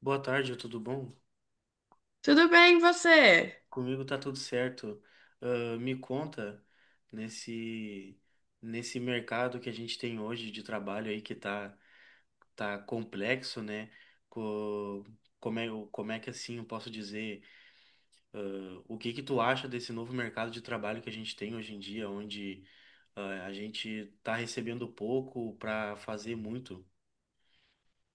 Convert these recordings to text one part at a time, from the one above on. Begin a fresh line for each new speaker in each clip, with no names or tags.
Boa tarde, tudo bom?
Tudo bem, e você?
Comigo tá tudo certo. Ah, me conta nesse nesse mercado que a gente tem hoje de trabalho aí que tá complexo, né? Co- como é que assim eu posso dizer? O que que tu acha desse novo mercado de trabalho que a gente tem hoje em dia, onde a gente tá recebendo pouco para fazer muito?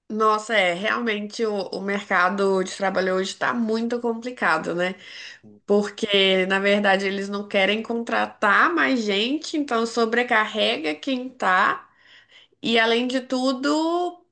Nossa, é, realmente o mercado de trabalho hoje está muito complicado, né? Porque, na verdade, eles não querem contratar mais gente, então sobrecarrega quem tá. E, além de tudo,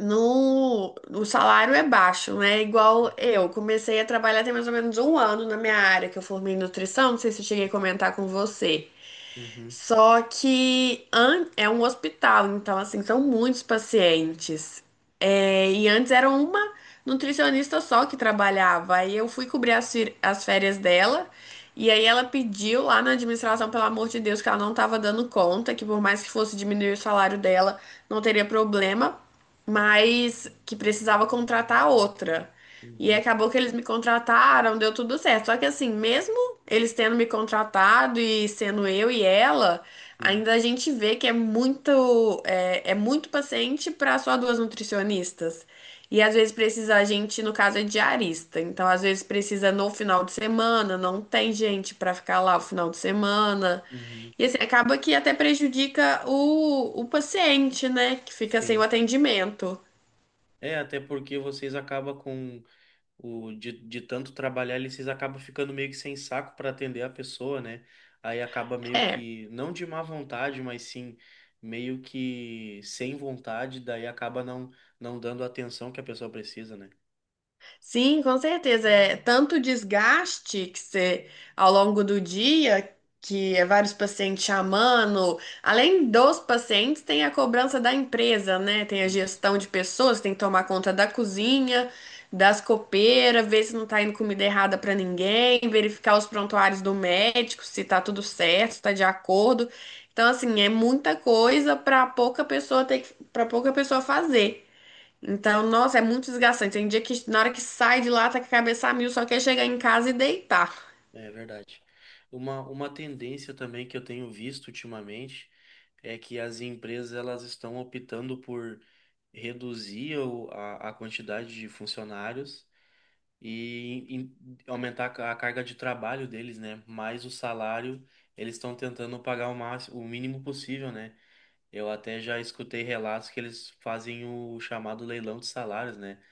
No, o salário é baixo, né? Igual eu comecei a trabalhar tem mais ou menos um ano na minha área, que eu formei em nutrição, não sei se eu cheguei a comentar com você.
Uhum.
Só que é um hospital, então assim, são muitos pacientes. É, e antes era uma nutricionista só que trabalhava. Aí eu fui cobrir as férias dela, e aí ela pediu lá na administração, pelo amor de Deus, que ela não estava dando conta, que por mais que fosse diminuir o salário dela, não teria problema mas que precisava contratar outra. E
Uhum.
acabou que eles me contrataram, deu tudo certo. Só que assim, mesmo eles tendo me contratado e sendo eu e ela,
Sim.
ainda a gente vê que é muito paciente para só duas nutricionistas. E às vezes precisa a gente, no caso é diarista. Então, às vezes precisa no final de semana, não tem gente para ficar lá o final de semana.
Uhum.
E assim, acaba que até prejudica o paciente, né? Que fica sem o
Sim.
atendimento.
É, até porque vocês acabam de tanto trabalhar, eles acabam ficando meio que sem saco para atender a pessoa, né? Aí acaba meio
É.
que, não de má vontade, mas sim meio que sem vontade, daí acaba não dando a atenção que a pessoa precisa, né?
Sim, com certeza. É tanto desgaste que você, ao longo do dia, que é vários pacientes chamando. Além dos pacientes, tem a cobrança da empresa, né? Tem a
Isso.
gestão de pessoas, tem que tomar conta da cozinha, das copeiras, ver se não tá indo comida errada para ninguém, verificar os prontuários do médico, se tá tudo certo, se tá de acordo. Então, assim, é muita coisa para pouca pessoa ter, para pouca pessoa fazer. Então, nossa, é muito desgastante. Tem dia que na hora que sai de lá tá com a cabeça a mil, só quer chegar em casa e deitar.
É verdade. Uma tendência também que eu tenho visto ultimamente é que as empresas elas estão optando por reduzir a quantidade de funcionários e aumentar a carga de trabalho deles, né? Mais o salário, eles estão tentando pagar o máximo, o mínimo possível, né? Eu até já escutei relatos que eles fazem o chamado leilão de salários, né?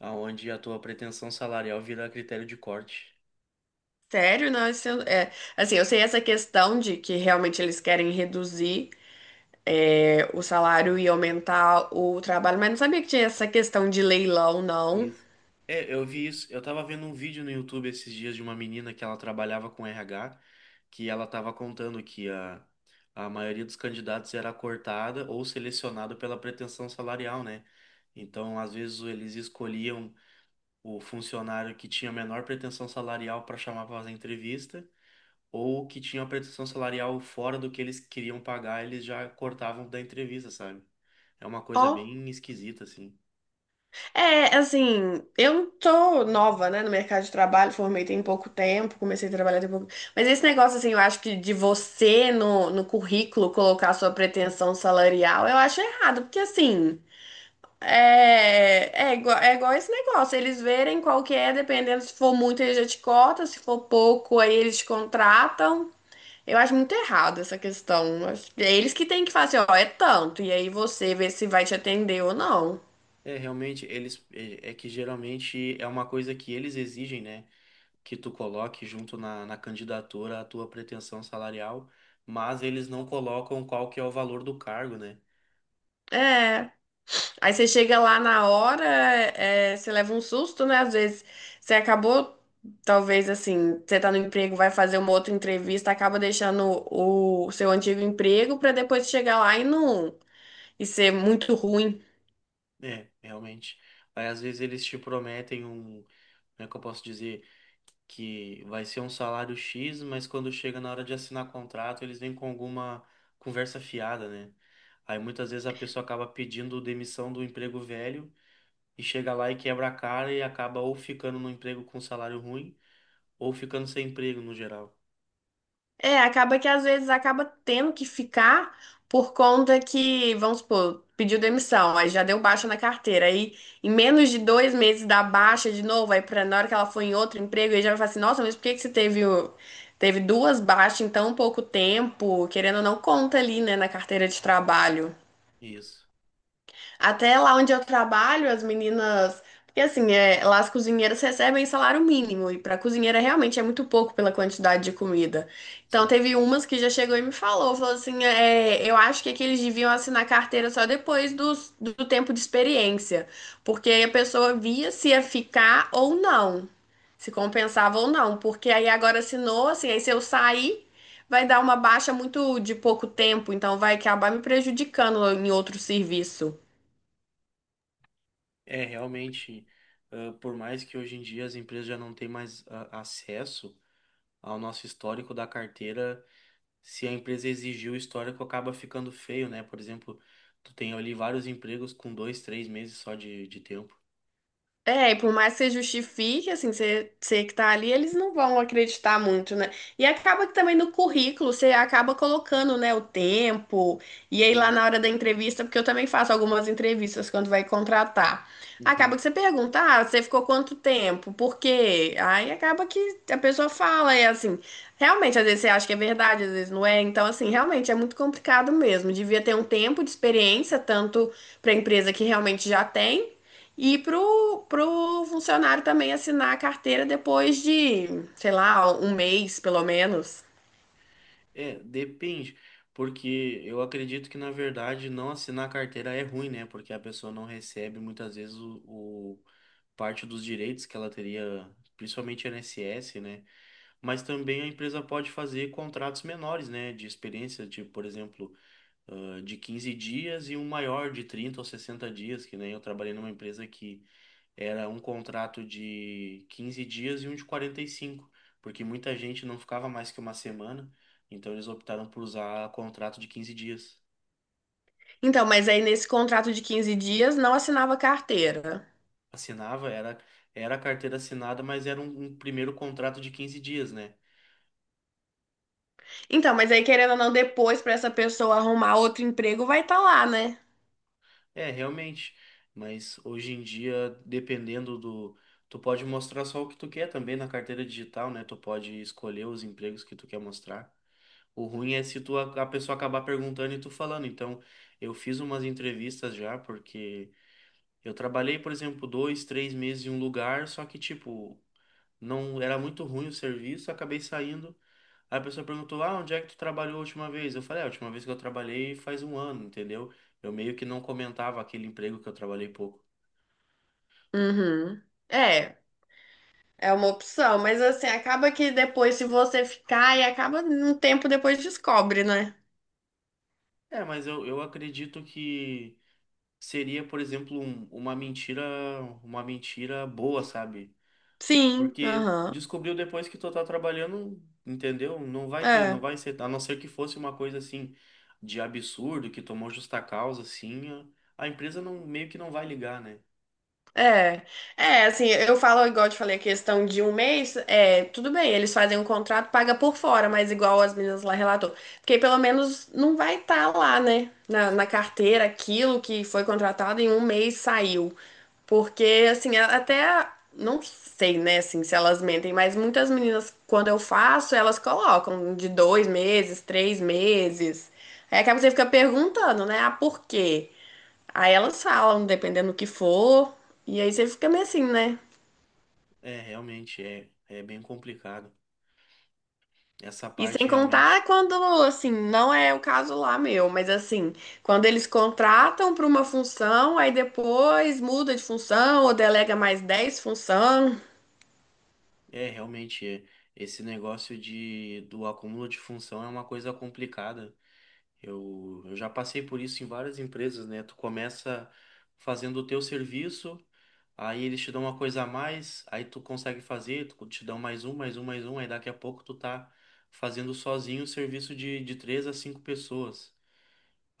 Onde a tua pretensão salarial vira critério de corte.
Sério, não, isso assim, eu sei essa questão de que realmente eles querem reduzir o salário e aumentar o trabalho, mas não sabia que tinha essa questão de leilão, não.
Isso. É, eu vi isso. Eu tava vendo um vídeo no YouTube esses dias de uma menina que ela trabalhava com RH, que ela tava contando que a maioria dos candidatos era cortada ou selecionada pela pretensão salarial, né? Então, às vezes, eles escolhiam o funcionário que tinha menor pretensão salarial para chamar para fazer entrevista, ou que tinha uma pretensão salarial fora do que eles queriam pagar, eles já cortavam da entrevista, sabe? É uma
Ó,
coisa bem esquisita, assim.
é, assim, eu não tô nova, né, no mercado de trabalho, formei tem pouco tempo, comecei a trabalhar tem pouco. Mas esse negócio, assim, eu acho que de você no currículo colocar sua pretensão salarial, eu acho errado, porque assim, é igual esse negócio, eles verem qual que é, dependendo se for muito, eles já te cortam, se for pouco, aí eles te contratam. Eu acho muito errado essa questão. Eu acho que é eles que têm que fazer, ó, é tanto, e aí você vê se vai te atender ou não.
É, realmente, eles é que geralmente é uma coisa que eles exigem, né? Que tu coloque junto na candidatura a tua pretensão salarial, mas eles não colocam qual que é o valor do cargo, né?
É, aí você chega lá na hora, é, você leva um susto, né? Às vezes você acabou, talvez assim, você tá no emprego, vai fazer uma outra entrevista, acaba deixando o seu antigo emprego para depois chegar lá e não e ser muito ruim.
É, realmente. Aí às vezes eles te prometem um, como é que eu posso dizer, que vai ser um salário X, mas quando chega na hora de assinar contrato, eles vêm com alguma conversa fiada, né? Aí muitas vezes a pessoa acaba pedindo demissão do emprego velho e chega lá e quebra a cara e acaba ou ficando no emprego com salário ruim ou ficando sem emprego no geral.
É, acaba que às vezes acaba tendo que ficar por conta que, vamos supor, pediu demissão, aí já deu baixa na carteira. Aí em menos de 2 meses dá baixa de novo, aí pra, na hora que ela for em outro emprego, aí já vai falar assim, nossa, mas por que que você teve, teve duas baixas em tão pouco tempo? Querendo ou não, conta ali, né, na carteira de trabalho.
Isso.
Até lá onde eu trabalho, as meninas. Porque assim, é, lá as cozinheiras recebem salário mínimo, e para cozinheira realmente é muito pouco pela quantidade de comida. Então
Sim.
teve umas que já chegou e me falou, falou assim, é, eu acho que, é que eles deviam assinar carteira só depois do tempo de experiência, porque aí a pessoa via se ia ficar ou não, se compensava ou não, porque aí agora assinou, assim, aí se eu sair, vai dar uma baixa muito de pouco tempo, então vai acabar me prejudicando em outro serviço.
É realmente, por mais que hoje em dia as empresas já não têm mais acesso ao nosso histórico da carteira, se a empresa exigir o histórico, acaba ficando feio, né? Por exemplo, tu tem ali vários empregos com 2, 3 meses só de tempo.
É, e por mais que você justifique, assim, você que tá ali, eles não vão acreditar muito, né? E acaba que também no currículo você acaba colocando, né, o tempo, e aí lá
Sim.
na hora da entrevista, porque eu também faço algumas entrevistas quando vai contratar. Acaba
Uhum.
que você pergunta, ah, você ficou quanto tempo? Por quê? Aí acaba que a pessoa fala, e assim, realmente, às vezes você acha que é verdade, às vezes não é. Então, assim, realmente é muito complicado mesmo. Devia ter um tempo de experiência, tanto para a empresa que realmente já tem. E pro funcionário também assinar a carteira depois de, sei lá, um mês, pelo menos.
É, depende, porque eu acredito que na verdade não assinar carteira é ruim, né? Porque a pessoa não recebe muitas vezes parte dos direitos que ela teria, principalmente INSS, né? Mas também a empresa pode fazer contratos menores, né? De experiência, tipo, por exemplo, de 15 dias e um maior de 30 ou 60 dias, que nem eu trabalhei numa empresa que era um contrato de 15 dias e um de 45, porque muita gente não ficava mais que uma semana, então eles optaram por usar contrato de 15 dias.
Então, mas aí nesse contrato de 15 dias não assinava carteira.
Assinava, era a carteira assinada, mas era um primeiro contrato de 15 dias, né?
Então, mas aí querendo ou não, depois para essa pessoa arrumar outro emprego vai estar lá, né?
É, realmente. Mas hoje em dia, dependendo do. Tu pode mostrar só o que tu quer também na carteira digital, né? Tu pode escolher os empregos que tu quer mostrar. O ruim é se tu, a pessoa acabar perguntando e tu falando. Então, eu fiz umas entrevistas já, porque eu trabalhei, por exemplo, 2, 3 meses em um lugar, só que, tipo, não era muito ruim o serviço, acabei saindo. Aí a pessoa perguntou, ah, onde é que tu trabalhou a última vez? Eu falei, "Ah, a última vez que eu trabalhei faz um ano, entendeu? Eu meio que não comentava aquele emprego que eu trabalhei pouco.
Uhum. É, é uma opção, mas assim, acaba que depois, se você ficar, e acaba um tempo depois descobre, né?
É, mas eu acredito que seria, por exemplo, uma mentira boa, sabe?
Sim,
Porque
aham.
descobriu depois que tu tá trabalhando, entendeu? Não vai ter, não vai ser, a não ser que fosse uma coisa assim de absurdo, que tomou justa causa, assim, a empresa não, meio que não vai ligar, né?
É, assim, eu falo, igual eu te falei, a questão de um mês, é, tudo bem, eles fazem um contrato, paga por fora, mas igual as meninas lá relatou, porque pelo menos não vai estar lá, né, na
Sim.
carteira, aquilo que foi contratado em um mês saiu, porque, assim, até, não sei, né, assim, se elas mentem, mas muitas meninas, quando eu faço, elas colocam de 2 meses, 3 meses, aí acaba que você fica perguntando, né, ah, por quê? Aí elas falam, dependendo do que for. E aí você fica meio assim, né?
É, realmente é bem complicado. Essa
E sem
parte
contar
realmente
quando, assim, não é o caso lá meu, mas assim, quando eles contratam para uma função, aí depois muda de função ou delega mais 10 função.
é, realmente é. Esse negócio do acúmulo de função é uma coisa complicada. Eu já passei por isso em várias empresas, né? Tu começa fazendo o teu serviço. Aí eles te dão uma coisa a mais, aí tu consegue fazer, tu te dão mais um, mais um, mais um, aí daqui a pouco tu tá fazendo sozinho o serviço de três a cinco pessoas.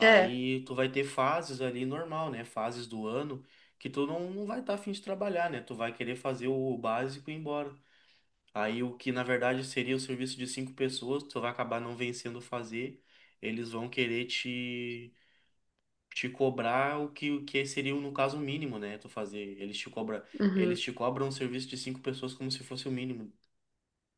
É.
tu vai ter fases ali normal, né? Fases do ano que tu não vai estar tá afim de trabalhar, né? Tu vai querer fazer o básico e ir embora. Aí o que na verdade seria o serviço de cinco pessoas, tu vai acabar não vencendo fazer, eles vão querer te cobrar o que seria, no caso, o mínimo, né? Tu fazer. Eles te cobra,
Uhum.
eles te cobram um serviço de cinco pessoas como se fosse o mínimo.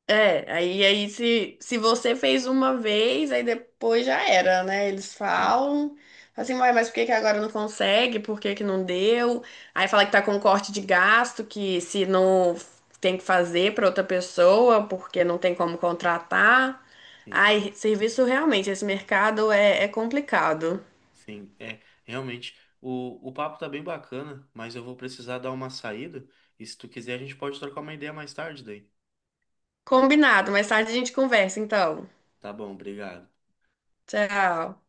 É, aí, aí se você fez uma vez, aí depois já era, né? Eles
Sim,
falam assim, "Uai, mas por que que agora não consegue? Por que que não deu?" Aí fala que tá com corte de gasto, que se não tem que fazer pra outra pessoa, porque não tem como contratar.
sim,
Ai, serviço realmente, esse mercado é, é complicado.
sim. É, realmente. O papo tá bem bacana, mas eu vou precisar dar uma saída. E se tu quiser, a gente pode trocar uma ideia mais tarde daí.
Combinado, mais tarde a gente conversa, então.
Tá bom, obrigado.
Tchau.